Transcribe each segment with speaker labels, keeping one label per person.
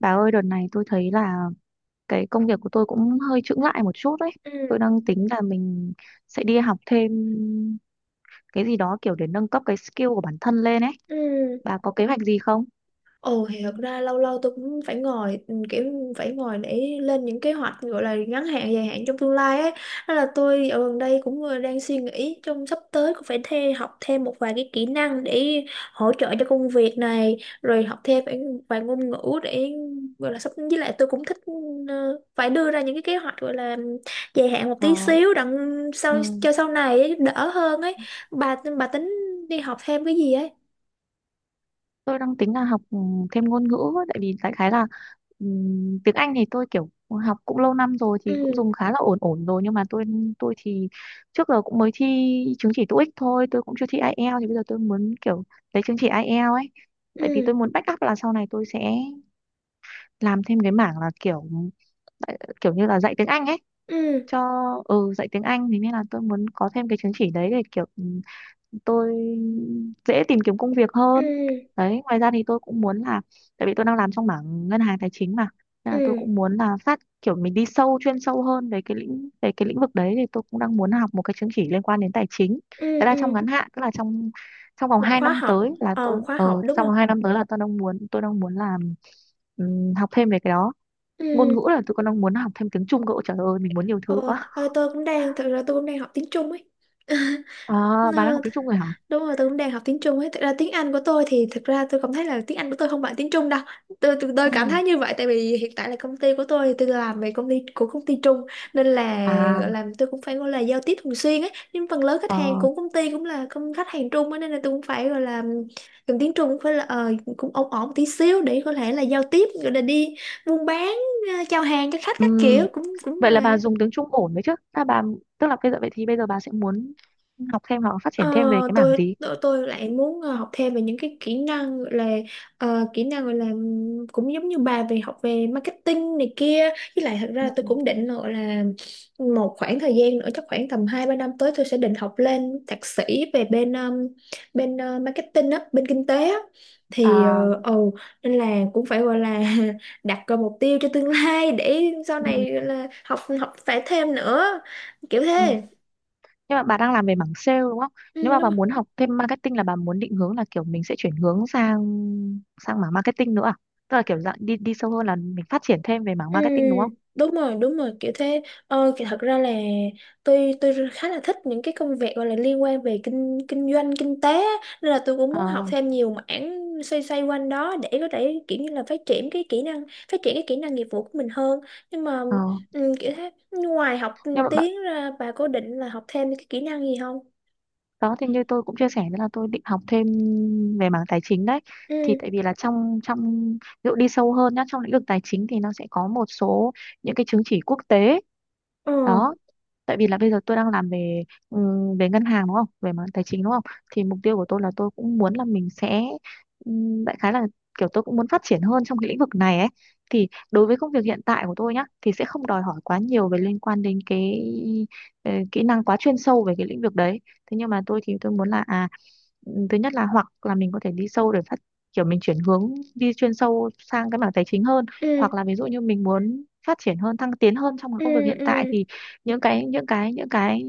Speaker 1: Bà ơi, đợt này tôi thấy là cái công việc của tôi cũng hơi chững lại một chút đấy. Tôi
Speaker 2: Ừ,
Speaker 1: đang tính là mình sẽ đi học thêm cái gì đó kiểu để nâng cấp cái skill của bản thân lên ấy.
Speaker 2: ừ.
Speaker 1: Bà có kế hoạch gì không?
Speaker 2: Thì thật ra lâu lâu tôi cũng phải ngồi kiểu phải ngồi để lên những kế hoạch gọi là ngắn hạn, dài hạn trong tương lai ấy, nên là tôi ở gần đây cũng vừa đang suy nghĩ trong sắp tới cũng phải học thêm một vài cái kỹ năng để hỗ trợ cho công việc này, rồi học thêm phải vài ngôn ngữ để gọi là sắp, với lại tôi cũng thích phải đưa ra những cái kế hoạch gọi là dài hạn một
Speaker 1: Ờ,
Speaker 2: tí xíu, đặng
Speaker 1: ừ,
Speaker 2: sau cho sau này ấy, đỡ hơn ấy. Bà tính đi học thêm cái gì ấy?
Speaker 1: tôi đang tính là học thêm ngôn ngữ ấy, tại vì đại khái là ừ, tiếng Anh thì tôi kiểu học cũng lâu năm rồi
Speaker 2: Ừ,
Speaker 1: thì cũng dùng khá là ổn ổn rồi, nhưng mà tôi thì trước giờ cũng mới thi chứng chỉ TOEIC thôi, tôi cũng chưa thi IELTS, thì bây giờ tôi muốn kiểu lấy chứng chỉ IELTS ấy. Tại vì
Speaker 2: ừ,
Speaker 1: tôi muốn backup là sau này tôi sẽ làm thêm cái mảng là kiểu kiểu như là dạy tiếng Anh ấy,
Speaker 2: ừ,
Speaker 1: cho ừ dạy tiếng Anh thì nên là tôi muốn có thêm cái chứng chỉ đấy để kiểu tôi dễ tìm kiếm công việc
Speaker 2: ừ,
Speaker 1: hơn. Đấy, ngoài ra thì tôi cũng muốn là, tại vì tôi đang làm trong mảng ngân hàng tài chính mà, nên là tôi
Speaker 2: ừ,
Speaker 1: cũng muốn là kiểu mình đi sâu chuyên sâu hơn về cái lĩnh vực đấy, thì tôi cũng đang muốn học một cái chứng chỉ liên quan đến tài chính.
Speaker 2: ừ,
Speaker 1: Đấy là trong
Speaker 2: ừ.
Speaker 1: ngắn hạn, tức là trong trong vòng
Speaker 2: một
Speaker 1: 2
Speaker 2: khóa
Speaker 1: năm
Speaker 2: học
Speaker 1: tới là
Speaker 2: Một
Speaker 1: tôi
Speaker 2: khóa
Speaker 1: ờ
Speaker 2: học đúng
Speaker 1: trong
Speaker 2: không?
Speaker 1: vòng 2 năm tới là tôi đang muốn làm, học thêm về cái đó.
Speaker 2: Ừ.
Speaker 1: Ngôn ngữ là tôi còn đang muốn học thêm tiếng Trung cậu. Trời ơi, mình muốn nhiều thứ
Speaker 2: Ờ.
Speaker 1: quá.
Speaker 2: ờ, tôi cũng đang Thực ra tôi cũng đang học tiếng Trung ấy.
Speaker 1: À,
Speaker 2: Ờ,
Speaker 1: bà đang
Speaker 2: th-
Speaker 1: học tiếng Trung rồi hả?
Speaker 2: Đúng rồi, tôi cũng đang học tiếng Trung ấy. Thật ra tiếng Anh của tôi thì thật ra tôi cảm thấy là tiếng Anh của tôi không bằng tiếng Trung đâu. Tôi cảm
Speaker 1: Ừ.
Speaker 2: thấy như vậy tại vì hiện tại là công ty của tôi thì tôi làm về công ty của công ty Trung, nên là
Speaker 1: À,
Speaker 2: gọi là tôi cũng phải gọi là giao tiếp thường xuyên ấy. Nhưng phần lớn khách hàng
Speaker 1: ờ,
Speaker 2: của công ty cũng là công khách hàng Trung ấy, nên là tôi cũng phải gọi là dùng tiếng Trung cũng phải là cũng ổn ổn tí xíu để có thể là giao tiếp, gọi là đi buôn bán, chào hàng cho khách các
Speaker 1: ừm.
Speaker 2: kiểu cũng cũng.
Speaker 1: Vậy là bà dùng tiếng Trung ổn đấy chứ? À, bà, tức là bây giờ, vậy thì bây giờ bà sẽ muốn học thêm hoặc phát
Speaker 2: Ờ,
Speaker 1: triển thêm về cái mảng
Speaker 2: tôi,
Speaker 1: gì?
Speaker 2: tôi tôi lại muốn học thêm về những cái kỹ năng gọi là kỹ năng gọi là cũng giống như bà, về học về marketing này kia, với lại thật ra
Speaker 1: Ừ.
Speaker 2: là tôi cũng định là gọi là một khoảng thời gian nữa chắc khoảng tầm 2 3 năm tới tôi sẽ định học lên thạc sĩ về bên bên marketing á, bên kinh tế á. Thì
Speaker 1: À.
Speaker 2: ồ nên là cũng phải gọi là đặt ra mục tiêu cho tương lai để sau
Speaker 1: Ừ.
Speaker 2: này gọi là học học phải thêm nữa, kiểu
Speaker 1: Ừ.
Speaker 2: thế.
Speaker 1: Nhưng mà bà đang làm về mảng sale đúng không?
Speaker 2: Ừ,
Speaker 1: Nếu mà bà
Speaker 2: đúng.
Speaker 1: muốn học thêm marketing là bà muốn định hướng là kiểu mình sẽ chuyển hướng sang sang mảng marketing nữa à? Tức là kiểu dạng đi đi sâu hơn là mình phát triển thêm về mảng
Speaker 2: Ừ,
Speaker 1: marketing đúng không?
Speaker 2: đúng rồi, kiểu thế. Ờ, thì thật ra là tôi khá là thích những cái công việc gọi là liên quan về kinh kinh doanh, kinh tế á. Nên là tôi cũng muốn học
Speaker 1: Ờ,
Speaker 2: thêm nhiều mảng xoay xoay quanh đó để có thể kiểu như là phát triển cái kỹ năng, phát triển cái kỹ năng nghiệp vụ của mình hơn. Nhưng mà
Speaker 1: ờ.
Speaker 2: ừ, kiểu thế, ngoài học
Speaker 1: Nhưng mà bà,
Speaker 2: tiếng ra bà có định là học thêm cái kỹ năng gì không?
Speaker 1: đó thì như tôi cũng chia sẻ đó là tôi định học thêm về mảng tài chính đấy, thì
Speaker 2: Ừ,
Speaker 1: tại vì là trong trong ví dụ đi sâu hơn nhá, trong lĩnh vực tài chính thì nó sẽ có một số những cái chứng chỉ quốc tế
Speaker 2: ờ,
Speaker 1: đó. Tại vì là bây giờ tôi đang làm về về ngân hàng đúng không, về mảng tài chính đúng không, thì mục tiêu của tôi là tôi cũng muốn là mình sẽ, đại khái là kiểu tôi cũng muốn phát triển hơn trong cái lĩnh vực này ấy. Thì đối với công việc hiện tại của tôi nhá thì sẽ không đòi hỏi quá nhiều về liên quan đến cái kỹ năng quá chuyên sâu về cái lĩnh vực đấy. Thế nhưng mà tôi thì tôi muốn là à, thứ nhất là hoặc là mình có thể đi sâu để kiểu mình chuyển hướng đi chuyên sâu sang cái mảng tài chính hơn,
Speaker 2: ừ,
Speaker 1: hoặc là ví dụ như mình muốn phát triển hơn thăng tiến hơn trong cái
Speaker 2: ừ,
Speaker 1: công việc hiện tại,
Speaker 2: ừ.
Speaker 1: thì những cái những cái những cái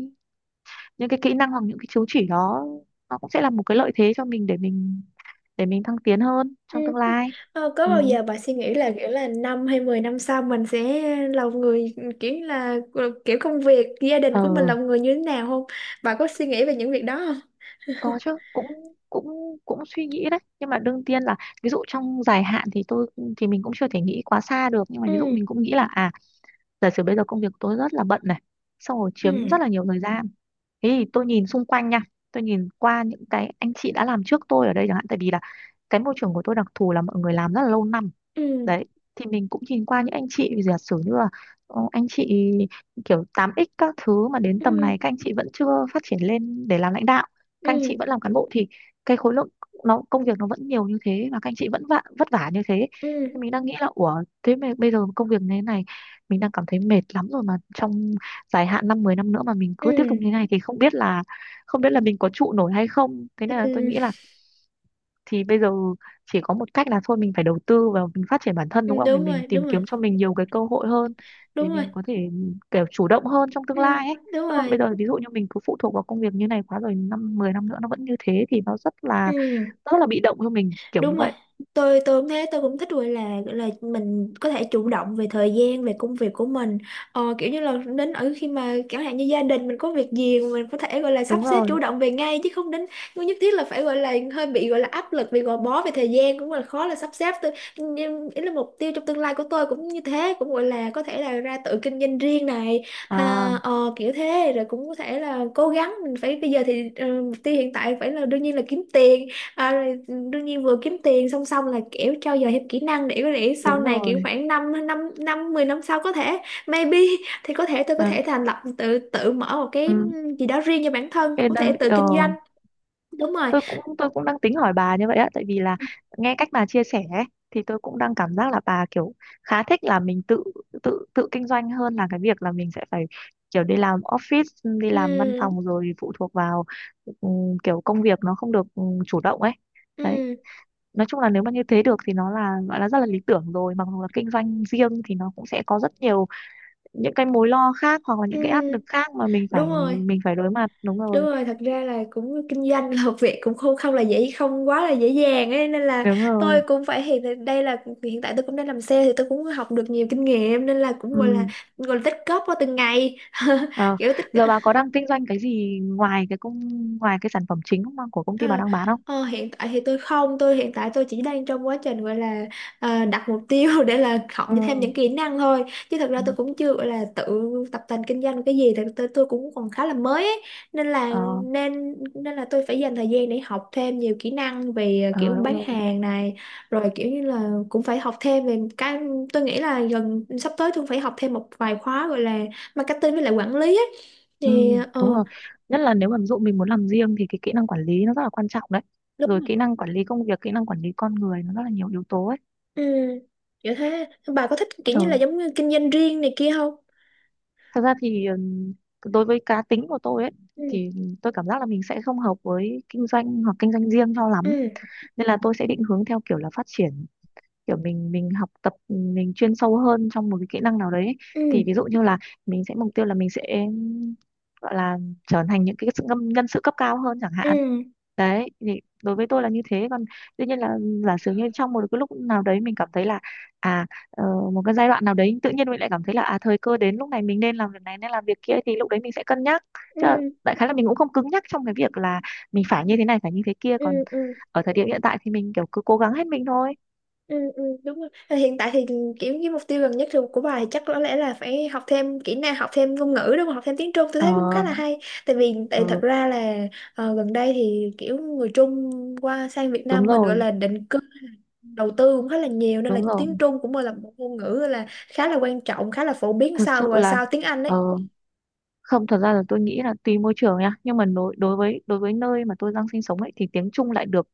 Speaker 1: những cái kỹ năng hoặc những cái chứng chỉ đó nó cũng sẽ là một cái lợi thế cho mình để mình thăng tiến hơn
Speaker 2: Ừ.
Speaker 1: trong tương lai.
Speaker 2: Ờ, có
Speaker 1: Ừ.
Speaker 2: bao giờ bà suy nghĩ là kiểu là 5 hay 10 năm sau mình sẽ lòng người, kiểu như là kiểu công việc gia đình
Speaker 1: Ờ,
Speaker 2: của mình lòng người như thế nào không? Bà có suy nghĩ về những việc đó không?
Speaker 1: có chứ, cũng cũng cũng suy nghĩ đấy, nhưng mà đương nhiên là, ví dụ trong dài hạn thì tôi thì mình cũng chưa thể nghĩ quá xa được, nhưng mà ví dụ
Speaker 2: Ừ,
Speaker 1: mình cũng nghĩ là à, giả sử bây giờ công việc của tôi rất là bận này, xong rồi
Speaker 2: ừ.
Speaker 1: chiếm rất là nhiều thời gian, thế thì tôi nhìn xung quanh nha, tôi nhìn qua những cái anh chị đã làm trước tôi ở đây chẳng hạn, tại vì là cái môi trường của tôi đặc thù là mọi người làm rất là lâu năm
Speaker 2: Ừ,
Speaker 1: đấy. Thì mình cũng nhìn qua những anh chị, giả sử như là anh chị kiểu tám x các thứ, mà đến tầm
Speaker 2: ừ,
Speaker 1: này các anh chị vẫn chưa phát triển lên để làm lãnh đạo, các anh chị
Speaker 2: ừ,
Speaker 1: vẫn làm cán bộ, thì cái khối lượng nó công việc nó vẫn nhiều như thế và các anh chị vẫn vất vả như thế,
Speaker 2: ừ,
Speaker 1: thì mình đang nghĩ là ủa thế mà bây giờ công việc như thế này mình đang cảm thấy mệt lắm rồi, mà trong dài hạn 5-10 năm nữa mà mình cứ tiếp tục
Speaker 2: ừ,
Speaker 1: như thế này thì không biết là mình có trụ nổi hay không. Thế nên là tôi
Speaker 2: ừ,
Speaker 1: nghĩ là thì bây giờ chỉ có một cách là thôi mình phải đầu tư vào mình phát triển bản thân đúng
Speaker 2: ừ,
Speaker 1: không, để
Speaker 2: đúng
Speaker 1: mình
Speaker 2: rồi,
Speaker 1: tìm
Speaker 2: đúng rồi,
Speaker 1: kiếm cho mình nhiều cái cơ hội hơn,
Speaker 2: đúng
Speaker 1: để
Speaker 2: rồi,
Speaker 1: mình có thể kiểu chủ động hơn trong tương
Speaker 2: ừ,
Speaker 1: lai ấy.
Speaker 2: đúng
Speaker 1: Chứ còn bây
Speaker 2: rồi,
Speaker 1: giờ ví dụ như mình cứ phụ thuộc vào công việc như này quá, rồi 5-10 năm nữa nó vẫn như thế thì nó
Speaker 2: ừ.
Speaker 1: rất là bị động cho mình kiểu như
Speaker 2: Đúng rồi.
Speaker 1: vậy.
Speaker 2: Tôi cũng thế, tôi cũng thích gọi là mình có thể chủ động về thời gian, về công việc của mình. Ờ, kiểu như là đến ở khi mà chẳng hạn như gia đình mình có việc gì mà mình có thể gọi là sắp
Speaker 1: Đúng
Speaker 2: xếp
Speaker 1: rồi.
Speaker 2: chủ động về ngay, chứ không đến không nhất thiết là phải gọi là hơi bị gọi là áp lực vì gò bó về thời gian cũng là khó là sắp xếp. Tôi nhưng ý là mục tiêu trong tương lai của tôi cũng như thế, cũng gọi là có thể là ra tự kinh doanh riêng này.
Speaker 1: À,
Speaker 2: Ha, ờ, kiểu thế rồi cũng có thể là cố gắng mình phải bây giờ thì mục tiêu hiện tại phải là đương nhiên là kiếm tiền. À, rồi đương nhiên vừa kiếm tiền song song là kiểu trau dồi thêm kỹ năng để có thể sau
Speaker 1: đúng
Speaker 2: này kiểu
Speaker 1: rồi.
Speaker 2: khoảng 5 năm năm năm 10 năm sau có thể maybe thì có thể tôi có
Speaker 1: À,
Speaker 2: thể thành lập tự tự mở một cái
Speaker 1: ừ.
Speaker 2: gì đó riêng cho bản thân,
Speaker 1: Cái
Speaker 2: có thể
Speaker 1: đó-
Speaker 2: tự
Speaker 1: ờ.
Speaker 2: kinh doanh. Đúng rồi.
Speaker 1: Tôi cũng đang tính hỏi bà như vậy á, tại vì là nghe cách bà chia sẻ ấy, thì tôi cũng đang cảm giác là bà kiểu khá thích là mình tự tự tự kinh doanh hơn là cái việc là mình sẽ phải kiểu đi làm office, đi làm văn
Speaker 2: Ừ,
Speaker 1: phòng rồi phụ thuộc vào, kiểu công việc nó không được chủ động ấy. Đấy,
Speaker 2: ừ,
Speaker 1: nói chung là nếu mà như thế được thì nó là gọi là rất là lý tưởng rồi, mặc dù là kinh doanh riêng thì nó cũng sẽ có rất nhiều những cái mối lo khác hoặc là những cái áp
Speaker 2: ừ,
Speaker 1: lực khác mà mình
Speaker 2: đúng
Speaker 1: phải
Speaker 2: rồi.
Speaker 1: mình phải đối mặt. Đúng
Speaker 2: Đúng
Speaker 1: rồi.
Speaker 2: rồi, thật ra là cũng kinh doanh là một việc cũng không không là dễ, không quá là dễ dàng ấy, nên là
Speaker 1: Đúng
Speaker 2: tôi
Speaker 1: rồi.
Speaker 2: cũng phải đây là hiện tại tôi cũng đang làm sale thì tôi cũng học được nhiều kinh nghiệm, nên là cũng
Speaker 1: Ừ.
Speaker 2: gọi là tích góp qua từng ngày
Speaker 1: Ờ,
Speaker 2: kiểu tích.
Speaker 1: giờ bà có đang kinh doanh cái gì ngoài cái công ngoài cái sản phẩm chính không, của công ty bà
Speaker 2: Ờ,
Speaker 1: đang bán không?
Speaker 2: hiện tại thì tôi không, tôi hiện tại tôi chỉ đang trong quá trình gọi là đặt mục tiêu để là học
Speaker 1: Ừ.
Speaker 2: thêm những kỹ năng thôi. Chứ thật ra
Speaker 1: Ừ.
Speaker 2: tôi cũng chưa gọi là tự tập tành kinh doanh cái gì, thật tôi cũng còn khá là mới ấy. Nên là
Speaker 1: Ờ.
Speaker 2: nên nên là tôi phải dành thời gian để học thêm nhiều kỹ năng về
Speaker 1: Ờ,
Speaker 2: kiểu
Speaker 1: đúng
Speaker 2: bán
Speaker 1: rồi.
Speaker 2: hàng này, rồi kiểu như là cũng phải học thêm về cái tôi nghĩ là gần sắp tới tôi phải học thêm một vài khóa gọi là marketing với lại quản lý ấy.
Speaker 1: Ừ,
Speaker 2: Thì
Speaker 1: đúng rồi. Nhất là nếu mà ví dụ mình muốn làm riêng thì cái kỹ năng quản lý nó rất là quan trọng đấy. Rồi
Speaker 2: đúng.
Speaker 1: kỹ năng quản lý công việc, kỹ năng quản lý con người, nó rất là nhiều yếu tố ấy.
Speaker 2: Ừ, kiểu thế, bà có thích kiểu
Speaker 1: Ờ,
Speaker 2: như là giống như kinh doanh riêng này kia không?
Speaker 1: thật ra thì đối với cá tính của tôi ấy
Speaker 2: Ừ,
Speaker 1: thì tôi cảm giác là mình sẽ không hợp với kinh doanh hoặc kinh doanh riêng cho lắm.
Speaker 2: ừ,
Speaker 1: Nên là tôi sẽ định hướng theo kiểu là phát triển, kiểu mình học tập mình chuyên sâu hơn trong một cái kỹ năng nào đấy ấy. Thì ví
Speaker 2: ừ,
Speaker 1: dụ như là mình sẽ mục tiêu là mình sẽ gọi là trở thành những cái nhân sự cấp cao hơn chẳng
Speaker 2: ừ,
Speaker 1: hạn. Đấy thì đối với tôi là như thế. Còn tuy nhiên là giả sử như trong một cái lúc nào đấy mình cảm thấy là à, ờ, một cái giai đoạn nào đấy tự nhiên mình lại cảm thấy là à, thời cơ đến, lúc này mình nên làm việc này nên làm việc kia, thì lúc đấy mình sẽ cân nhắc, chứ
Speaker 2: ừ,
Speaker 1: đại khái là mình cũng không cứng nhắc trong cái việc là mình phải như thế này phải như thế kia.
Speaker 2: ừ,
Speaker 1: Còn
Speaker 2: ừ,
Speaker 1: ở thời điểm hiện tại thì mình kiểu cứ cố gắng hết mình thôi.
Speaker 2: ừ, ừ, đúng rồi. Ờ, hiện tại thì kiểu cái mục tiêu gần nhất thì của bà thì chắc có lẽ là phải học thêm kỹ năng, học thêm ngôn ngữ đúng không, học thêm tiếng Trung tôi
Speaker 1: Ờ.
Speaker 2: thấy cũng khá là hay, tại vì tại thật
Speaker 1: Ừ.
Speaker 2: ra là gần đây thì kiểu người Trung qua sang Việt
Speaker 1: Đúng
Speaker 2: Nam mình gọi
Speaker 1: rồi.
Speaker 2: là định cư, đầu tư cũng khá là nhiều, nên là
Speaker 1: Đúng rồi.
Speaker 2: tiếng Trung cũng là một ngôn ngữ là khá là quan trọng, khá là phổ biến
Speaker 1: Thật
Speaker 2: sau
Speaker 1: sự
Speaker 2: và
Speaker 1: là,
Speaker 2: sau tiếng Anh
Speaker 1: ờ,
Speaker 2: đấy.
Speaker 1: không, thật ra là tôi nghĩ là tùy môi trường nha, nhưng mà đối đối với nơi mà tôi đang sinh sống ấy thì tiếng Trung lại được,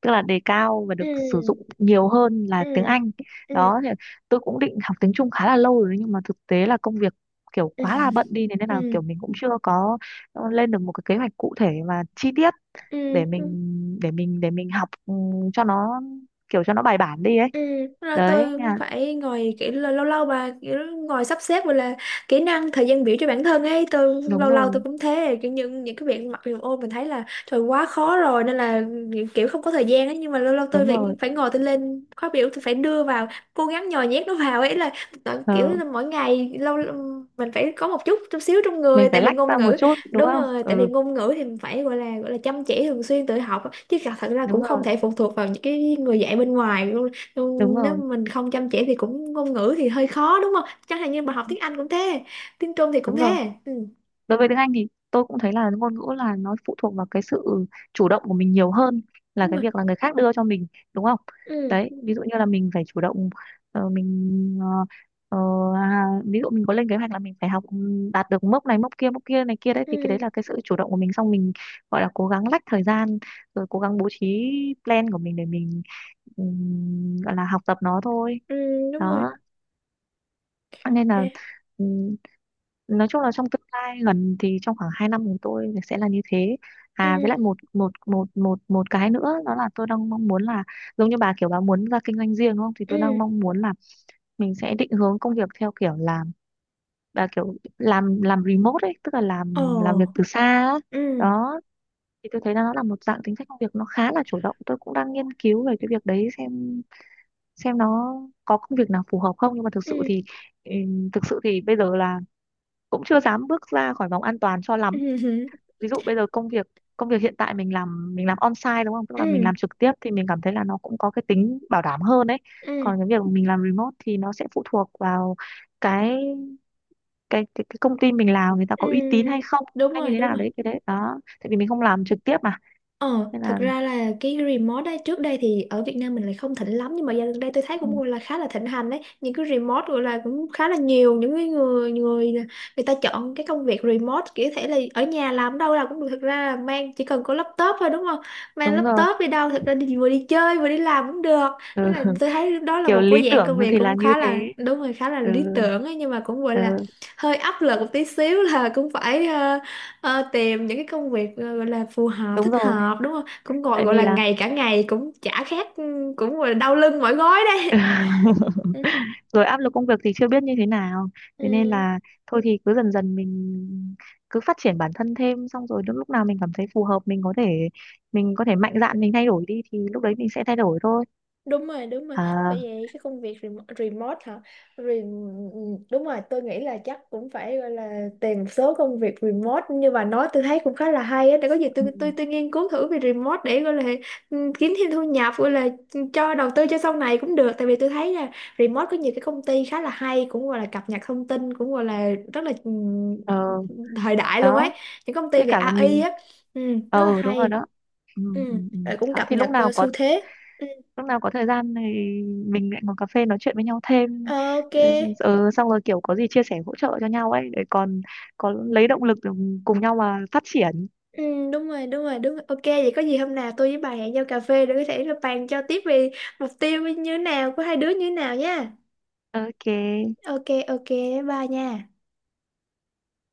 Speaker 1: tức là đề cao và
Speaker 2: Ừ,
Speaker 1: được sử dụng nhiều hơn là
Speaker 2: ừ,
Speaker 1: tiếng Anh.
Speaker 2: ừ,
Speaker 1: Đó thì tôi cũng định học tiếng Trung khá là lâu rồi đấy, nhưng mà thực tế là công việc kiểu
Speaker 2: ừ,
Speaker 1: quá là bận đi, thế nên là
Speaker 2: ừ,
Speaker 1: kiểu mình cũng chưa có lên được một cái kế hoạch cụ thể và chi tiết
Speaker 2: ừ,
Speaker 1: để
Speaker 2: ừ.
Speaker 1: mình học, cho nó kiểu cho nó bài bản đi ấy.
Speaker 2: Ừ, rồi
Speaker 1: Đấy
Speaker 2: tôi
Speaker 1: nha.
Speaker 2: phải ngồi kiểu là lâu lâu bà kiểu ngồi sắp xếp gọi là kỹ năng thời gian biểu cho bản thân ấy, tôi
Speaker 1: Đúng
Speaker 2: lâu lâu tôi
Speaker 1: rồi.
Speaker 2: cũng thế kiểu những cái việc mặc dù ô mình thấy là trời quá khó rồi nên là kiểu không có thời gian ấy, nhưng mà lâu lâu tôi
Speaker 1: Đúng
Speaker 2: phải
Speaker 1: rồi.
Speaker 2: phải ngồi tôi lên khóa biểu tôi phải đưa vào cố gắng nhồi nhét nó vào ấy, là kiểu
Speaker 1: Ờ,
Speaker 2: là mỗi ngày lâu mình phải có một chút chút xíu trong người
Speaker 1: mình
Speaker 2: tại
Speaker 1: phải
Speaker 2: vì
Speaker 1: lách
Speaker 2: ngôn
Speaker 1: ra một
Speaker 2: ngữ.
Speaker 1: chút đúng
Speaker 2: Đúng
Speaker 1: không.
Speaker 2: rồi, tại vì
Speaker 1: Ừ,
Speaker 2: ngôn ngữ thì mình phải gọi là chăm chỉ thường xuyên tự học, chứ thật thật ra
Speaker 1: đúng
Speaker 2: cũng không
Speaker 1: rồi.
Speaker 2: thể phụ thuộc vào những cái người dạy bên ngoài. Ừ,
Speaker 1: Đúng
Speaker 2: nếu
Speaker 1: rồi.
Speaker 2: mà mình không chăm chỉ thì cũng ngôn ngữ thì hơi khó đúng không, chẳng hạn như mà học tiếng Anh cũng thế, tiếng Trung thì cũng
Speaker 1: Đúng rồi.
Speaker 2: thế. Ừ,
Speaker 1: Đối với tiếng Anh thì tôi cũng thấy là ngôn ngữ là nó phụ thuộc vào cái sự chủ động của mình nhiều hơn là
Speaker 2: đúng
Speaker 1: cái
Speaker 2: rồi.
Speaker 1: việc là người khác đưa cho mình đúng không.
Speaker 2: Ừ,
Speaker 1: Đấy, ví dụ như là mình phải chủ động, ờ, mình ờ, ờ, à, ví dụ mình có lên kế hoạch là mình phải học, đạt được mốc này mốc kia này kia đấy, thì cái đấy
Speaker 2: ừ,
Speaker 1: là cái sự chủ động của mình, xong mình gọi là cố gắng lách thời gian, rồi cố gắng bố trí plan của mình để mình, ừ, gọi là học tập nó thôi.
Speaker 2: ừ, đúng rồi,
Speaker 1: Đó nên là,
Speaker 2: thế.
Speaker 1: ừm, nói chung là trong tương lai gần thì trong khoảng 2 năm của tôi sẽ là như thế.
Speaker 2: Ừ,
Speaker 1: À, với lại một một một một một cái nữa đó là tôi đang mong muốn là giống như bà kiểu bà muốn ra kinh doanh riêng đúng không, thì
Speaker 2: ừ,
Speaker 1: tôi đang mong muốn là mình sẽ định hướng công việc theo kiểu là bà kiểu làm remote ấy, tức là
Speaker 2: ồ,
Speaker 1: làm việc từ xa á.
Speaker 2: ừ,
Speaker 1: Đó thì tôi thấy là nó là một dạng tính cách công việc nó khá là chủ động, tôi cũng đang nghiên cứu về cái việc đấy xem, nó có công việc nào phù hợp không, nhưng mà
Speaker 2: ừ,
Speaker 1: ừ, thực sự thì bây giờ là cũng chưa dám bước ra khỏi vòng an toàn cho
Speaker 2: ừ,
Speaker 1: lắm.
Speaker 2: ừ,
Speaker 1: Ví dụ bây giờ công việc hiện tại mình làm on-site đúng không, tức là mình
Speaker 2: ừ,
Speaker 1: làm trực tiếp thì mình cảm thấy là nó cũng có cái tính bảo đảm hơn đấy.
Speaker 2: ừ,
Speaker 1: Còn cái việc mình làm remote thì nó sẽ phụ thuộc vào cái cái công ty mình làm người ta
Speaker 2: ừ.
Speaker 1: có uy tín hay không,
Speaker 2: Đúng
Speaker 1: hay như
Speaker 2: rồi,
Speaker 1: thế
Speaker 2: đúng
Speaker 1: nào
Speaker 2: rồi.
Speaker 1: đấy, cái đấy đó, tại vì mình không làm trực tiếp mà.
Speaker 2: Ờ,
Speaker 1: Nên
Speaker 2: thật
Speaker 1: là,
Speaker 2: ra là cái remote đấy trước đây thì ở Việt Nam mình lại không thịnh lắm, nhưng mà dạo gần đây tôi thấy
Speaker 1: ừ,
Speaker 2: cũng gọi là khá là thịnh hành đấy, những cái remote gọi là cũng khá là nhiều những cái người người người ta chọn cái công việc remote kiểu thể là ở nhà làm đâu là cũng được, thật ra là mang chỉ cần có laptop thôi đúng không, mang
Speaker 1: đúng rồi.
Speaker 2: laptop đi đâu thật ra đi vừa đi chơi vừa đi làm cũng được, nên
Speaker 1: Ừ.
Speaker 2: là tôi thấy đó là
Speaker 1: Kiểu
Speaker 2: một
Speaker 1: lý
Speaker 2: cái dạng công
Speaker 1: tưởng
Speaker 2: việc
Speaker 1: thì là
Speaker 2: cũng
Speaker 1: như
Speaker 2: khá là
Speaker 1: thế.
Speaker 2: đúng rồi, khá là
Speaker 1: Ừ,
Speaker 2: lý tưởng ấy, nhưng mà cũng gọi là
Speaker 1: ừ,
Speaker 2: hơi áp lực một tí xíu là cũng phải Ờ, tìm những cái công việc gọi là phù hợp
Speaker 1: đúng
Speaker 2: thích
Speaker 1: rồi,
Speaker 2: hợp đúng không, cũng gọi
Speaker 1: tại
Speaker 2: gọi
Speaker 1: vì
Speaker 2: là
Speaker 1: là
Speaker 2: ngày cả ngày cũng chả khác, ừ, cũng gọi là đau lưng mỏi gối đây.
Speaker 1: rồi áp lực công việc thì chưa biết như thế nào. Thế nên
Speaker 2: Ừ.
Speaker 1: là thôi thì cứ dần dần mình cứ phát triển bản thân thêm, xong rồi đến lúc nào mình cảm thấy phù hợp mình có thể mạnh dạn mình thay đổi đi, thì lúc đấy mình sẽ thay đổi thôi.
Speaker 2: Đúng rồi, đúng rồi.
Speaker 1: À.
Speaker 2: Bởi vậy cái công việc remote hả? Rem... Đúng rồi, tôi nghĩ là chắc cũng phải gọi là tìm một số công việc remote, nhưng mà nói tôi thấy cũng khá là hay á, để có gì
Speaker 1: Ừ.
Speaker 2: tôi nghiên cứu thử về remote để gọi là ừ, kiếm thêm thu nhập gọi là cho đầu tư cho sau này cũng được, tại vì tôi thấy là remote có nhiều cái công ty khá là hay, cũng gọi là cập nhật thông tin cũng gọi là rất là
Speaker 1: Ờ.
Speaker 2: thời đại luôn ấy,
Speaker 1: Đó,
Speaker 2: những công ty
Speaker 1: với
Speaker 2: về
Speaker 1: cả là
Speaker 2: AI
Speaker 1: mình.
Speaker 2: á, ừ, rất
Speaker 1: Ờ.
Speaker 2: là
Speaker 1: Ừ, đúng rồi
Speaker 2: hay,
Speaker 1: đó. Ừ, ừ,
Speaker 2: ừ,
Speaker 1: ừ.
Speaker 2: rồi cũng
Speaker 1: Đó
Speaker 2: cập
Speaker 1: thì
Speaker 2: nhật xu thế. Ừ,
Speaker 1: lúc nào có thời gian thì mình lại ngồi cà phê nói chuyện với nhau thêm.
Speaker 2: Ờ, ok.
Speaker 1: Ừ. Ờ, xong rồi kiểu có gì chia sẻ hỗ trợ cho nhau ấy, để còn có lấy động lực để cùng nhau mà phát triển.
Speaker 2: Ừ, đúng rồi, đúng rồi, đúng rồi. Ok, vậy có gì hôm nào tôi với bà hẹn nhau cà phê để có thể là bàn cho tiếp về mục tiêu như thế nào của hai đứa như thế nào nha.
Speaker 1: Ok.
Speaker 2: Ok, ok, bye nha.